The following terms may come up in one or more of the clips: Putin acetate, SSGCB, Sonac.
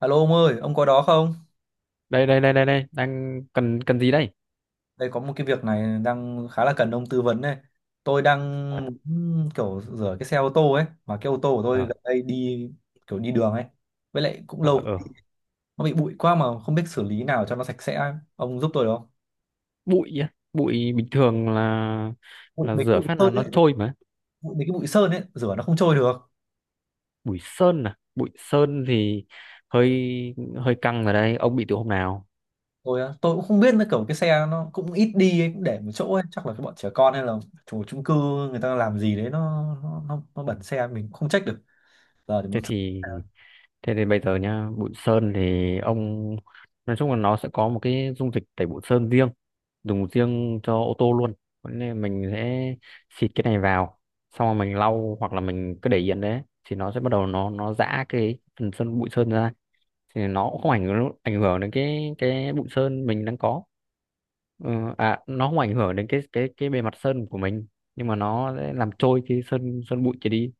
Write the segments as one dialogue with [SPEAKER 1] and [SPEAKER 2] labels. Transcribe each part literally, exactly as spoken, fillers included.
[SPEAKER 1] Alo ông ơi, ông có đó không?
[SPEAKER 2] Đây đây đây đây đây đang cần cần gì đây?
[SPEAKER 1] Đây có một cái việc này đang khá là cần ông tư vấn này. Tôi đang
[SPEAKER 2] à,
[SPEAKER 1] muốn kiểu rửa cái xe ô tô ấy, mà cái ô tô của tôi
[SPEAKER 2] ờ
[SPEAKER 1] gần đây đi kiểu đi đường ấy. Với lại cũng
[SPEAKER 2] ờ
[SPEAKER 1] lâu
[SPEAKER 2] ờ
[SPEAKER 1] nó bị bụi quá mà không biết xử lý nào cho nó sạch sẽ ấy. Ông giúp tôi được không?
[SPEAKER 2] Bụi á. Bụi bình thường là
[SPEAKER 1] Bụi,
[SPEAKER 2] là
[SPEAKER 1] mấy cái
[SPEAKER 2] rửa
[SPEAKER 1] bụi
[SPEAKER 2] phát là
[SPEAKER 1] sơn ấy,
[SPEAKER 2] nó trôi mà.
[SPEAKER 1] bụi, mấy cái bụi sơn ấy rửa nó không trôi được.
[SPEAKER 2] Bụi sơn à? Bụi sơn thì hơi hơi căng ở đây. Ông bị từ hôm nào?
[SPEAKER 1] Tôi á, tôi cũng không biết nữa kiểu cái xe nó cũng ít đi ấy, cũng để một chỗ ấy, chắc là cái bọn trẻ con hay là chủ chung cư người ta làm gì đấy nó nó nó, nó bẩn xe mình cũng không trách được. Giờ thì
[SPEAKER 2] thế
[SPEAKER 1] muốn xử
[SPEAKER 2] thì Thế thì bây giờ nhá, bụi sơn thì ông nói chung là nó sẽ có một cái dung dịch tẩy bụi sơn riêng, dùng riêng cho ô tô luôn. Thế nên mình sẽ xịt cái này vào, xong rồi mình lau hoặc là mình cứ để yên đấy thì nó sẽ bắt đầu nó nó giã cái phần sơn bụi sơn ra. Thì nó cũng không ảnh hưởng ảnh hưởng đến cái cái bụi sơn mình đang có. Ừ, à nó không ảnh hưởng đến cái cái cái bề mặt sơn của mình, nhưng mà nó sẽ làm trôi cái sơn sơn bụi kia đi.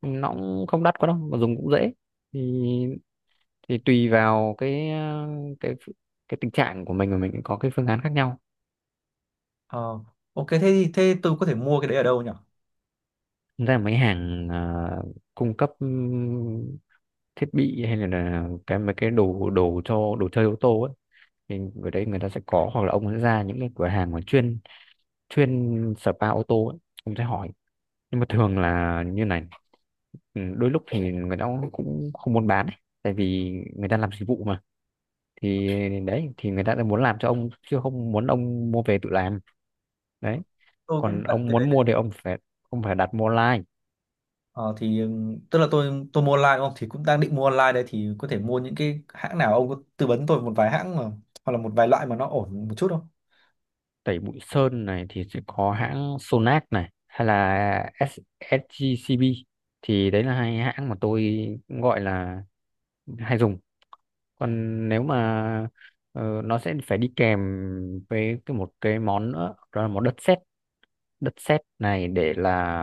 [SPEAKER 2] Nó cũng không đắt quá đâu mà dùng cũng dễ. Thì thì tùy vào cái ờ, cái cái tình trạng của mình mà mình có cái phương án khác nhau.
[SPEAKER 1] Ờ, ok thế thì thế tôi có thể mua cái đấy ở đâu nhỉ?
[SPEAKER 2] Thật ra mấy hàng ờ, cung cấp ừm, thiết bị hay là, là cái mấy cái đồ đồ cho đồ chơi ô tô ấy, thì ở đấy người ta sẽ có, hoặc là ông sẽ ra những cái cửa hàng mà chuyên chuyên spa ô tô ấy, ông sẽ hỏi. Nhưng mà thường là như này, ừ, đôi lúc thì người ta cũng cũng không muốn bán ấy. Tại vì người ta làm dịch vụ mà, thì đấy, thì người ta đã muốn làm cho ông chứ không muốn ông mua về tự làm đấy.
[SPEAKER 1] Tôi cũng
[SPEAKER 2] Còn
[SPEAKER 1] cần
[SPEAKER 2] ông
[SPEAKER 1] cái đấy.
[SPEAKER 2] muốn mua thì ông phải ông phải đặt mua online.
[SPEAKER 1] Ờ, thì ừm, tức là tôi tôi mua online đúng không? Thì cũng đang định mua online đây, thì có thể mua những cái hãng nào? Ông có tư vấn tôi một vài hãng mà hoặc là một vài loại mà nó ổn một chút không?
[SPEAKER 2] Tẩy bụi sơn này thì sẽ có hãng Sonac này hay là ét ét giê xê bê, thì đấy là hai hãng mà tôi gọi là hay dùng. Còn nếu mà ờ, nó sẽ phải đi kèm với cái một cái món nữa, đó là món đất sét. Đất sét này để là,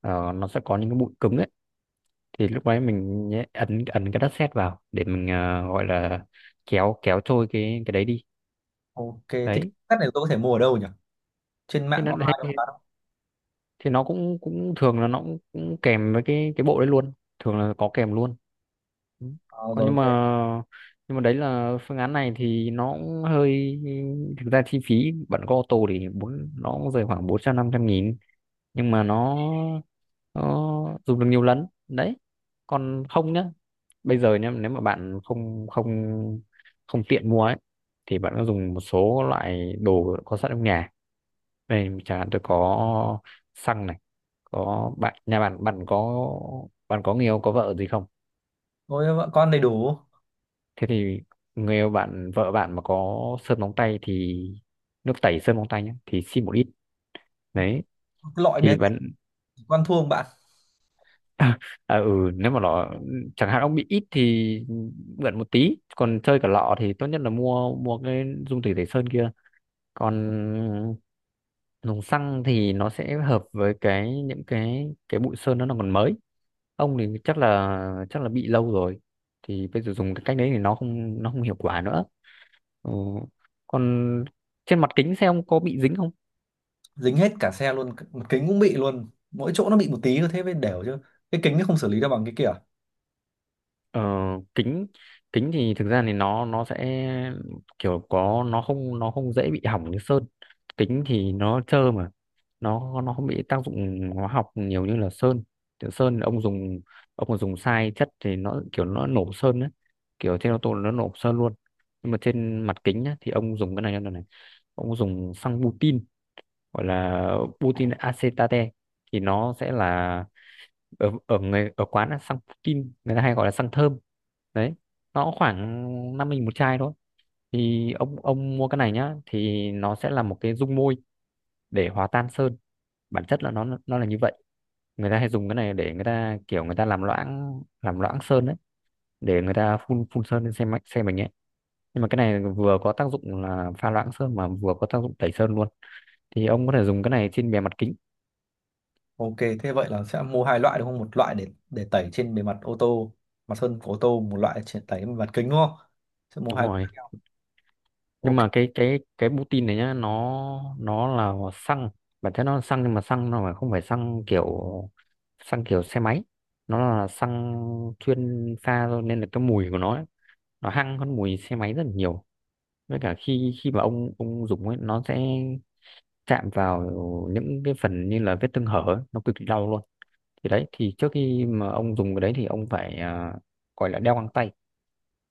[SPEAKER 2] ờ, nó sẽ có những cái bụi cứng ấy, thì lúc đấy mình nhé- ấn ấn cái đất sét vào để mình ờ, gọi là kéo kéo trôi cái cái đấy đi,
[SPEAKER 1] Ok, thế cái
[SPEAKER 2] đấy.
[SPEAKER 1] set này tôi có thể mua ở đâu nhỉ? Trên
[SPEAKER 2] Thế
[SPEAKER 1] mạng
[SPEAKER 2] nó
[SPEAKER 1] nó online đâu bán không?
[SPEAKER 2] Thì nó cũng cũng thường là nó cũng, cũng kèm với cái cái bộ đấy luôn. Thường là có kèm luôn. Ừ.
[SPEAKER 1] Ờ,
[SPEAKER 2] còn
[SPEAKER 1] rồi
[SPEAKER 2] nhưng mà
[SPEAKER 1] ok.
[SPEAKER 2] nhưng mà đấy là phương án này thì nó cũng hơi, thực ra chi phí bạn có ô tô thì bốn nó cũng rơi khoảng bốn trăm năm trăm nghìn. Nhưng mà nó nó dùng được nhiều lần đấy. Còn không nhá, bây giờ nhá, nếu mà bạn không không không tiện mua ấy, thì bạn có dùng một số loại đồ có sẵn trong nhà. Đây chẳng hạn tôi có xăng này. Có bạn, nhà bạn, bạn có bạn có người yêu, có vợ gì không?
[SPEAKER 1] Ôi vợ con đầy đủ.
[SPEAKER 2] Thế thì người yêu bạn, vợ bạn mà có sơn móng tay thì nước tẩy sơn móng tay nhé, thì xin một ít đấy.
[SPEAKER 1] Cái loại
[SPEAKER 2] Thì
[SPEAKER 1] bé
[SPEAKER 2] vẫn
[SPEAKER 1] tí con thua không bạn?
[SPEAKER 2] à, ừ, nếu mà nó, chẳng hạn ông bị ít thì mượn một tí, còn chơi cả lọ thì tốt nhất là mua mua cái dung tẩy tẩy sơn kia. Còn dùng xăng thì nó sẽ hợp với cái những cái cái bụi sơn đó nó còn mới. Ông thì chắc là chắc là bị lâu rồi, thì bây giờ dùng cái cách đấy thì nó không nó không hiệu quả nữa. Ừ. Còn trên mặt kính xe ông có bị dính không?
[SPEAKER 1] Dính hết cả xe luôn, một kính cũng bị luôn. Mỗi chỗ nó bị một tí thôi thế mới đều chứ. Cái kính nó không xử lý được bằng cái kia.
[SPEAKER 2] Ờ, kính kính thì thực ra thì nó nó sẽ kiểu có, nó không nó không dễ bị hỏng như sơn. Kính thì nó trơ mà, nó nó không bị tác dụng hóa học nhiều như là sơn. Kiểu sơn ông dùng, ông mà dùng sai chất thì nó kiểu nó nổ sơn đấy, kiểu trên ô tô nó nổ sơn luôn. Nhưng mà trên mặt kính á, thì ông dùng cái này như này này: ông dùng xăng butin, gọi là Putin acetate, thì nó sẽ là ở ở người ở quán là xăng Putin, người ta hay gọi là xăng thơm đấy. Nó cũng khoảng năm nghìn một chai thôi. Thì ông ông mua cái này nhá thì nó sẽ là một cái dung môi để hòa tan sơn. Bản chất là nó nó là như vậy. Người ta hay dùng cái này để người ta, kiểu người ta làm loãng làm loãng sơn đấy, để người ta phun phun sơn lên xe máy, xe mình ấy. Nhưng mà cái này vừa có tác dụng là pha loãng sơn mà vừa có tác dụng tẩy sơn luôn. Thì ông có thể dùng cái này trên bề mặt kính.
[SPEAKER 1] Ok, thế vậy là sẽ mua hai loại đúng không? Một loại để để tẩy trên bề mặt ô tô, mặt sơn của ô tô, một loại để tẩy bề mặt kính đúng không? Sẽ mua
[SPEAKER 2] Đúng
[SPEAKER 1] hai loại khác
[SPEAKER 2] rồi.
[SPEAKER 1] nhau.
[SPEAKER 2] Nhưng
[SPEAKER 1] Ok,
[SPEAKER 2] mà cái cái cái Putin này nhá, nó nó là xăng. Bản chất nó là xăng nhưng mà xăng nó phải không phải xăng kiểu, xăng kiểu xe máy. Nó là xăng chuyên pha thôi nên là cái mùi của nó ấy, nó hăng hơn mùi xe máy rất là nhiều. Với cả khi, khi mà ông ông dùng ấy, nó sẽ chạm vào những cái phần như là vết thương hở ấy, nó cực kỳ đau luôn. Thì đấy, thì trước khi mà ông dùng cái đấy thì ông phải, à, gọi là đeo găng tay,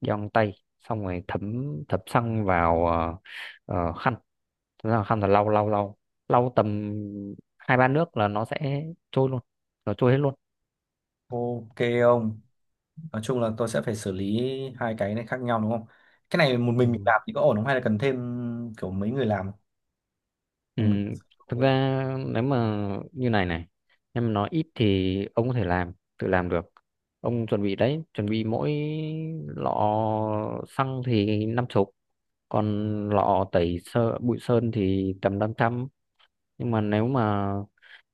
[SPEAKER 2] giòn tay, xong rồi thấm thấm xăng vào ờ, ờ, khăn. Thế là khăn là lau lau lau lau tầm hai ba nước là nó sẽ trôi luôn. Nó trôi hết luôn.
[SPEAKER 1] ok, ông. Nói chung là tôi sẽ phải xử lý hai cái này khác nhau đúng không? Cái này một
[SPEAKER 2] Ừ.
[SPEAKER 1] mình mình làm thì có ổn không? Hay là cần thêm kiểu mấy người làm?
[SPEAKER 2] Ừ,
[SPEAKER 1] Một mình.
[SPEAKER 2] thực ra nếu mà như này này, em nói ít thì ông có thể làm tự làm được. Ông chuẩn bị đấy, chuẩn bị mỗi lọ xăng thì năm chục, còn lọ tẩy sơ bụi sơn thì tầm năm trăm. Nhưng mà nếu mà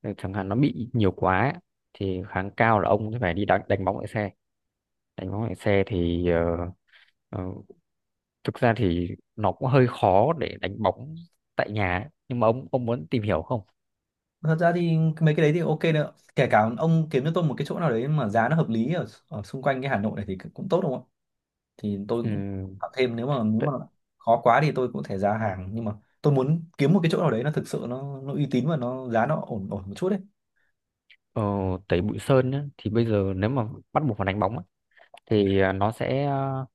[SPEAKER 2] ờ, chẳng hạn nó bị nhiều quá ấy, thì kháng cao là ông sẽ phải đi đánh, đánh bóng lại xe. Đánh bóng lại xe thì ờ, ờ, thực ra thì nó cũng hơi khó để đánh bóng tại nhà ấy. Nhưng mà ông ông muốn tìm hiểu không?
[SPEAKER 1] Thật ra thì mấy cái đấy thì ok nữa. Kể cả ông kiếm cho tôi một cái chỗ nào đấy mà giá nó hợp lý ở, ở xung quanh cái Hà Nội này thì cũng tốt đúng không, thì tôi cũng
[SPEAKER 2] Ừ,
[SPEAKER 1] tạo thêm, nếu mà nếu
[SPEAKER 2] tại,
[SPEAKER 1] mà khó quá thì tôi cũng có thể ra hàng, nhưng mà tôi muốn kiếm một cái chỗ nào đấy nó thực sự nó nó uy tín và nó giá nó ổn ổn một chút đấy.
[SPEAKER 2] ờ, tẩy bụi sơn nhá, thì bây giờ nếu mà bắt buộc phải đánh bóng ấy, thì ờ, nó sẽ, ờ,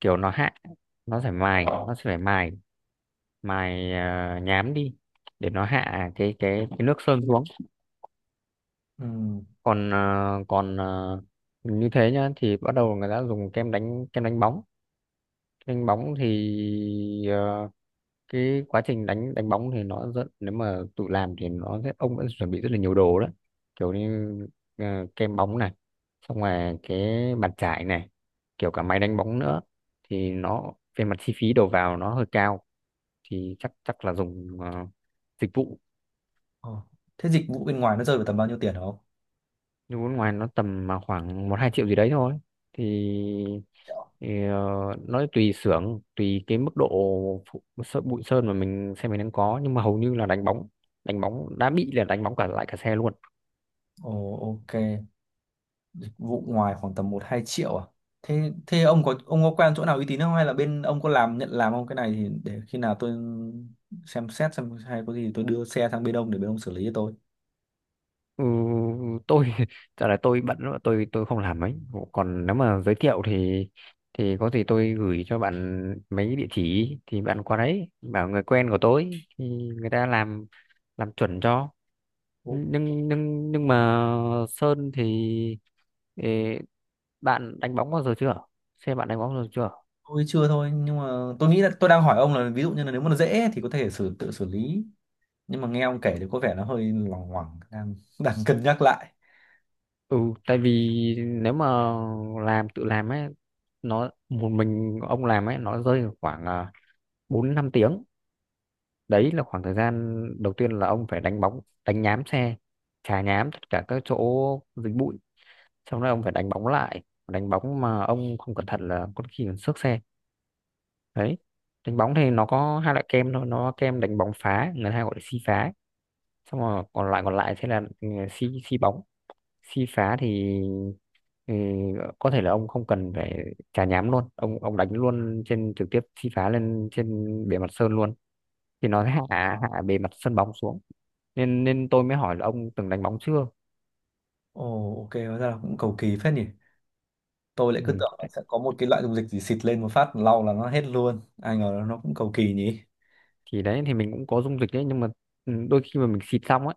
[SPEAKER 2] kiểu nó hạ, nó sẽ mài nó sẽ phải mài mài ờ, nhám đi, để nó hạ cái cái cái nước sơn xuống.
[SPEAKER 1] Ừ.
[SPEAKER 2] còn à, còn à, Như thế nhá, thì bắt đầu người ta dùng kem đánh kem đánh bóng. Đánh bóng thì ờ, cái quá trình đánh đánh bóng thì nó rất, nếu mà tự làm thì nó sẽ, ông đã chuẩn bị rất là nhiều đồ đó, kiểu như ờ, kem bóng này, xong rồi cái bàn chải này, kiểu cả máy đánh bóng nữa. Thì nó về mặt chi phí đầu vào nó hơi cao, thì chắc chắc là dùng ờ, dịch vụ.
[SPEAKER 1] Ờ. Thế dịch vụ bên ngoài nó rơi vào tầm bao nhiêu tiền hả ông?
[SPEAKER 2] Du nước ngoài nó tầm mà khoảng một hai triệu gì đấy thôi. Thì,
[SPEAKER 1] Triệu.
[SPEAKER 2] thì ờ, Nó tùy xưởng, tùy cái mức độ phụ- sợ- bụi sơn mà mình xe mình đang có. Nhưng mà hầu như là đánh bóng đánh bóng đã bị là đánh bóng cả lại cả xe luôn.
[SPEAKER 1] Ồ, ok, dịch vụ ngoài khoảng tầm một hai triệu à? Thế thế ông có ông có quen chỗ nào uy tín không, hay là bên ông có làm, nhận làm không cái này, thì để khi nào tôi xem xét xem, hay có gì tôi đưa xe sang bên ông để bên ông xử lý cho tôi.
[SPEAKER 2] Ừ, tôi trả lời tôi bận lắm, tôi tôi không làm ấy. Còn nếu mà giới thiệu thì, thì có gì tôi gửi cho bạn mấy địa chỉ, thì bạn qua đấy bảo người quen của tôi, thì người ta làm làm chuẩn cho. Nhưng nhưng nhưng mà sơn thì, ê, bạn đánh bóng bao giờ chưa? Xem bạn đánh bóng bao giờ chưa.
[SPEAKER 1] Tôi chưa thôi, nhưng mà tôi nghĩ là tôi đang hỏi ông là ví dụ như là nếu mà nó dễ thì có thể xử tự xử lý, nhưng mà nghe ông kể thì có vẻ nó hơi loằng ngoằng, đang đang cân nhắc lại.
[SPEAKER 2] Ừ, tại vì nếu mà làm tự làm ấy, nó một mình ông làm ấy, nó rơi vào khoảng à, bốn năm tiếng. Đấy là khoảng thời gian đầu tiên là ông phải đánh bóng, đánh nhám xe, chà nhám tất cả các chỗ dính bụi, xong rồi ông phải đánh bóng lại. Đánh bóng mà ông không cẩn thận là có khi còn xước xe đấy. Đánh bóng thì nó có hai loại kem thôi. Nó có kem đánh bóng phá, người ta hay gọi là si phá, xong rồi còn lại còn lại sẽ là ừ, si si bóng. Si phá thì ừ, có thể là ông không cần phải chà nhám luôn, ông ông đánh luôn trên, trực tiếp si phá lên trên bề mặt sơn luôn. Thì nó sẽ hạ hạ bề mặt sân bóng xuống. Nên nên tôi mới hỏi là ông từng đánh bóng chưa.
[SPEAKER 1] Ồ, ok, hóa ra là cũng cầu kỳ phết nhỉ. Tôi lại
[SPEAKER 2] Ừ.
[SPEAKER 1] cứ tưởng là
[SPEAKER 2] Đấy,
[SPEAKER 1] sẽ có một cái loại dung dịch gì xịt lên một phát lau là nó hết luôn, ai ngờ là nó cũng cầu kỳ nhỉ.
[SPEAKER 2] thì đấy thì mình cũng có dung dịch đấy nhưng mà ừ, đôi khi mà mình xịt xong ấy,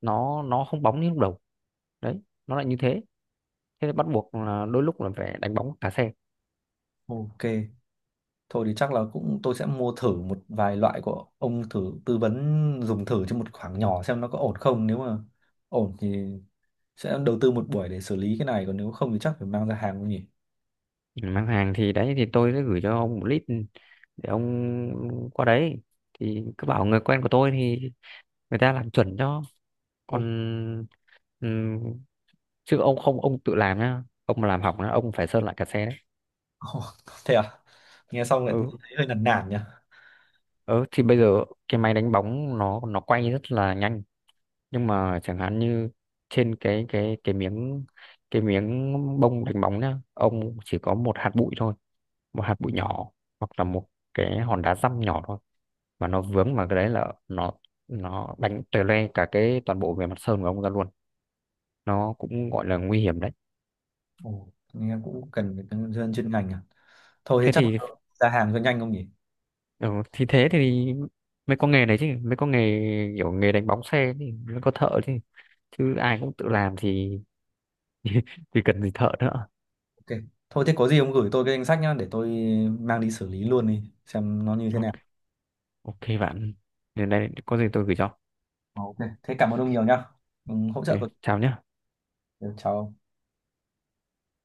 [SPEAKER 2] nó nó không bóng như lúc đầu đấy, nó lại như thế. Thế bắt buộc là đôi lúc là phải đánh bóng cả xe.
[SPEAKER 1] Ok, thôi thì chắc là cũng tôi sẽ mua thử một vài loại của ông thử tư vấn, dùng thử cho một khoảng nhỏ xem nó có ổn không, nếu mà ổn thì sẽ đầu tư một buổi để xử lý cái này, còn nếu không thì chắc phải mang ra hàng không nhỉ.
[SPEAKER 2] Ừ, mang hàng thì đấy thì tôi sẽ gửi cho ông một lít để ông qua đấy thì cứ bảo người quen của tôi, thì người ta làm chuẩn cho. Còn ừm, chứ ông không ông tự làm nhá, ông mà làm hỏng nhá, ông phải sơn lại cả xe đấy.
[SPEAKER 1] Ồ, thế à, nghe xong lại thấy
[SPEAKER 2] ừ
[SPEAKER 1] hơi nản nản nhỉ.
[SPEAKER 2] ừ thì bây giờ cái máy đánh bóng nó nó quay rất là nhanh. Nhưng mà chẳng hạn như trên cái cái cái miếng cái miếng bông đánh bóng nhá, ông chỉ có một hạt bụi thôi, một hạt bụi nhỏ, hoặc là một cái hòn đá dăm nhỏ thôi, mà nó vướng vào cái đấy là nó nó đánh tè loe cả cái toàn bộ bề mặt sơn của ông ra luôn. Nó cũng gọi là nguy hiểm đấy.
[SPEAKER 1] Ồ, nghe cũng cần phải nhân viên chuyên ngành à. Thôi thế
[SPEAKER 2] Thế
[SPEAKER 1] chắc
[SPEAKER 2] thì
[SPEAKER 1] ra hàng cho nhanh không nhỉ.
[SPEAKER 2] Ừ, thì thế thì mới có nghề đấy chứ, mới có nghề, kiểu nghề đánh bóng xe thì mới có thợ chứ. Chứ ai cũng tự làm thì thì cần gì thợ nữa.
[SPEAKER 1] Ok, thôi thế có gì ông gửi tôi cái danh sách nhá, để tôi mang đi xử lý luôn đi xem nó như thế nào.
[SPEAKER 2] Ok bạn, đến đây có gì tôi gửi cho.
[SPEAKER 1] Ờ, ok, thế cảm ơn ông nhiều nhá. Ừ, hỗ trợ
[SPEAKER 2] Ok,
[SPEAKER 1] tôi.
[SPEAKER 2] chào nhé.
[SPEAKER 1] Ừ, chào ông.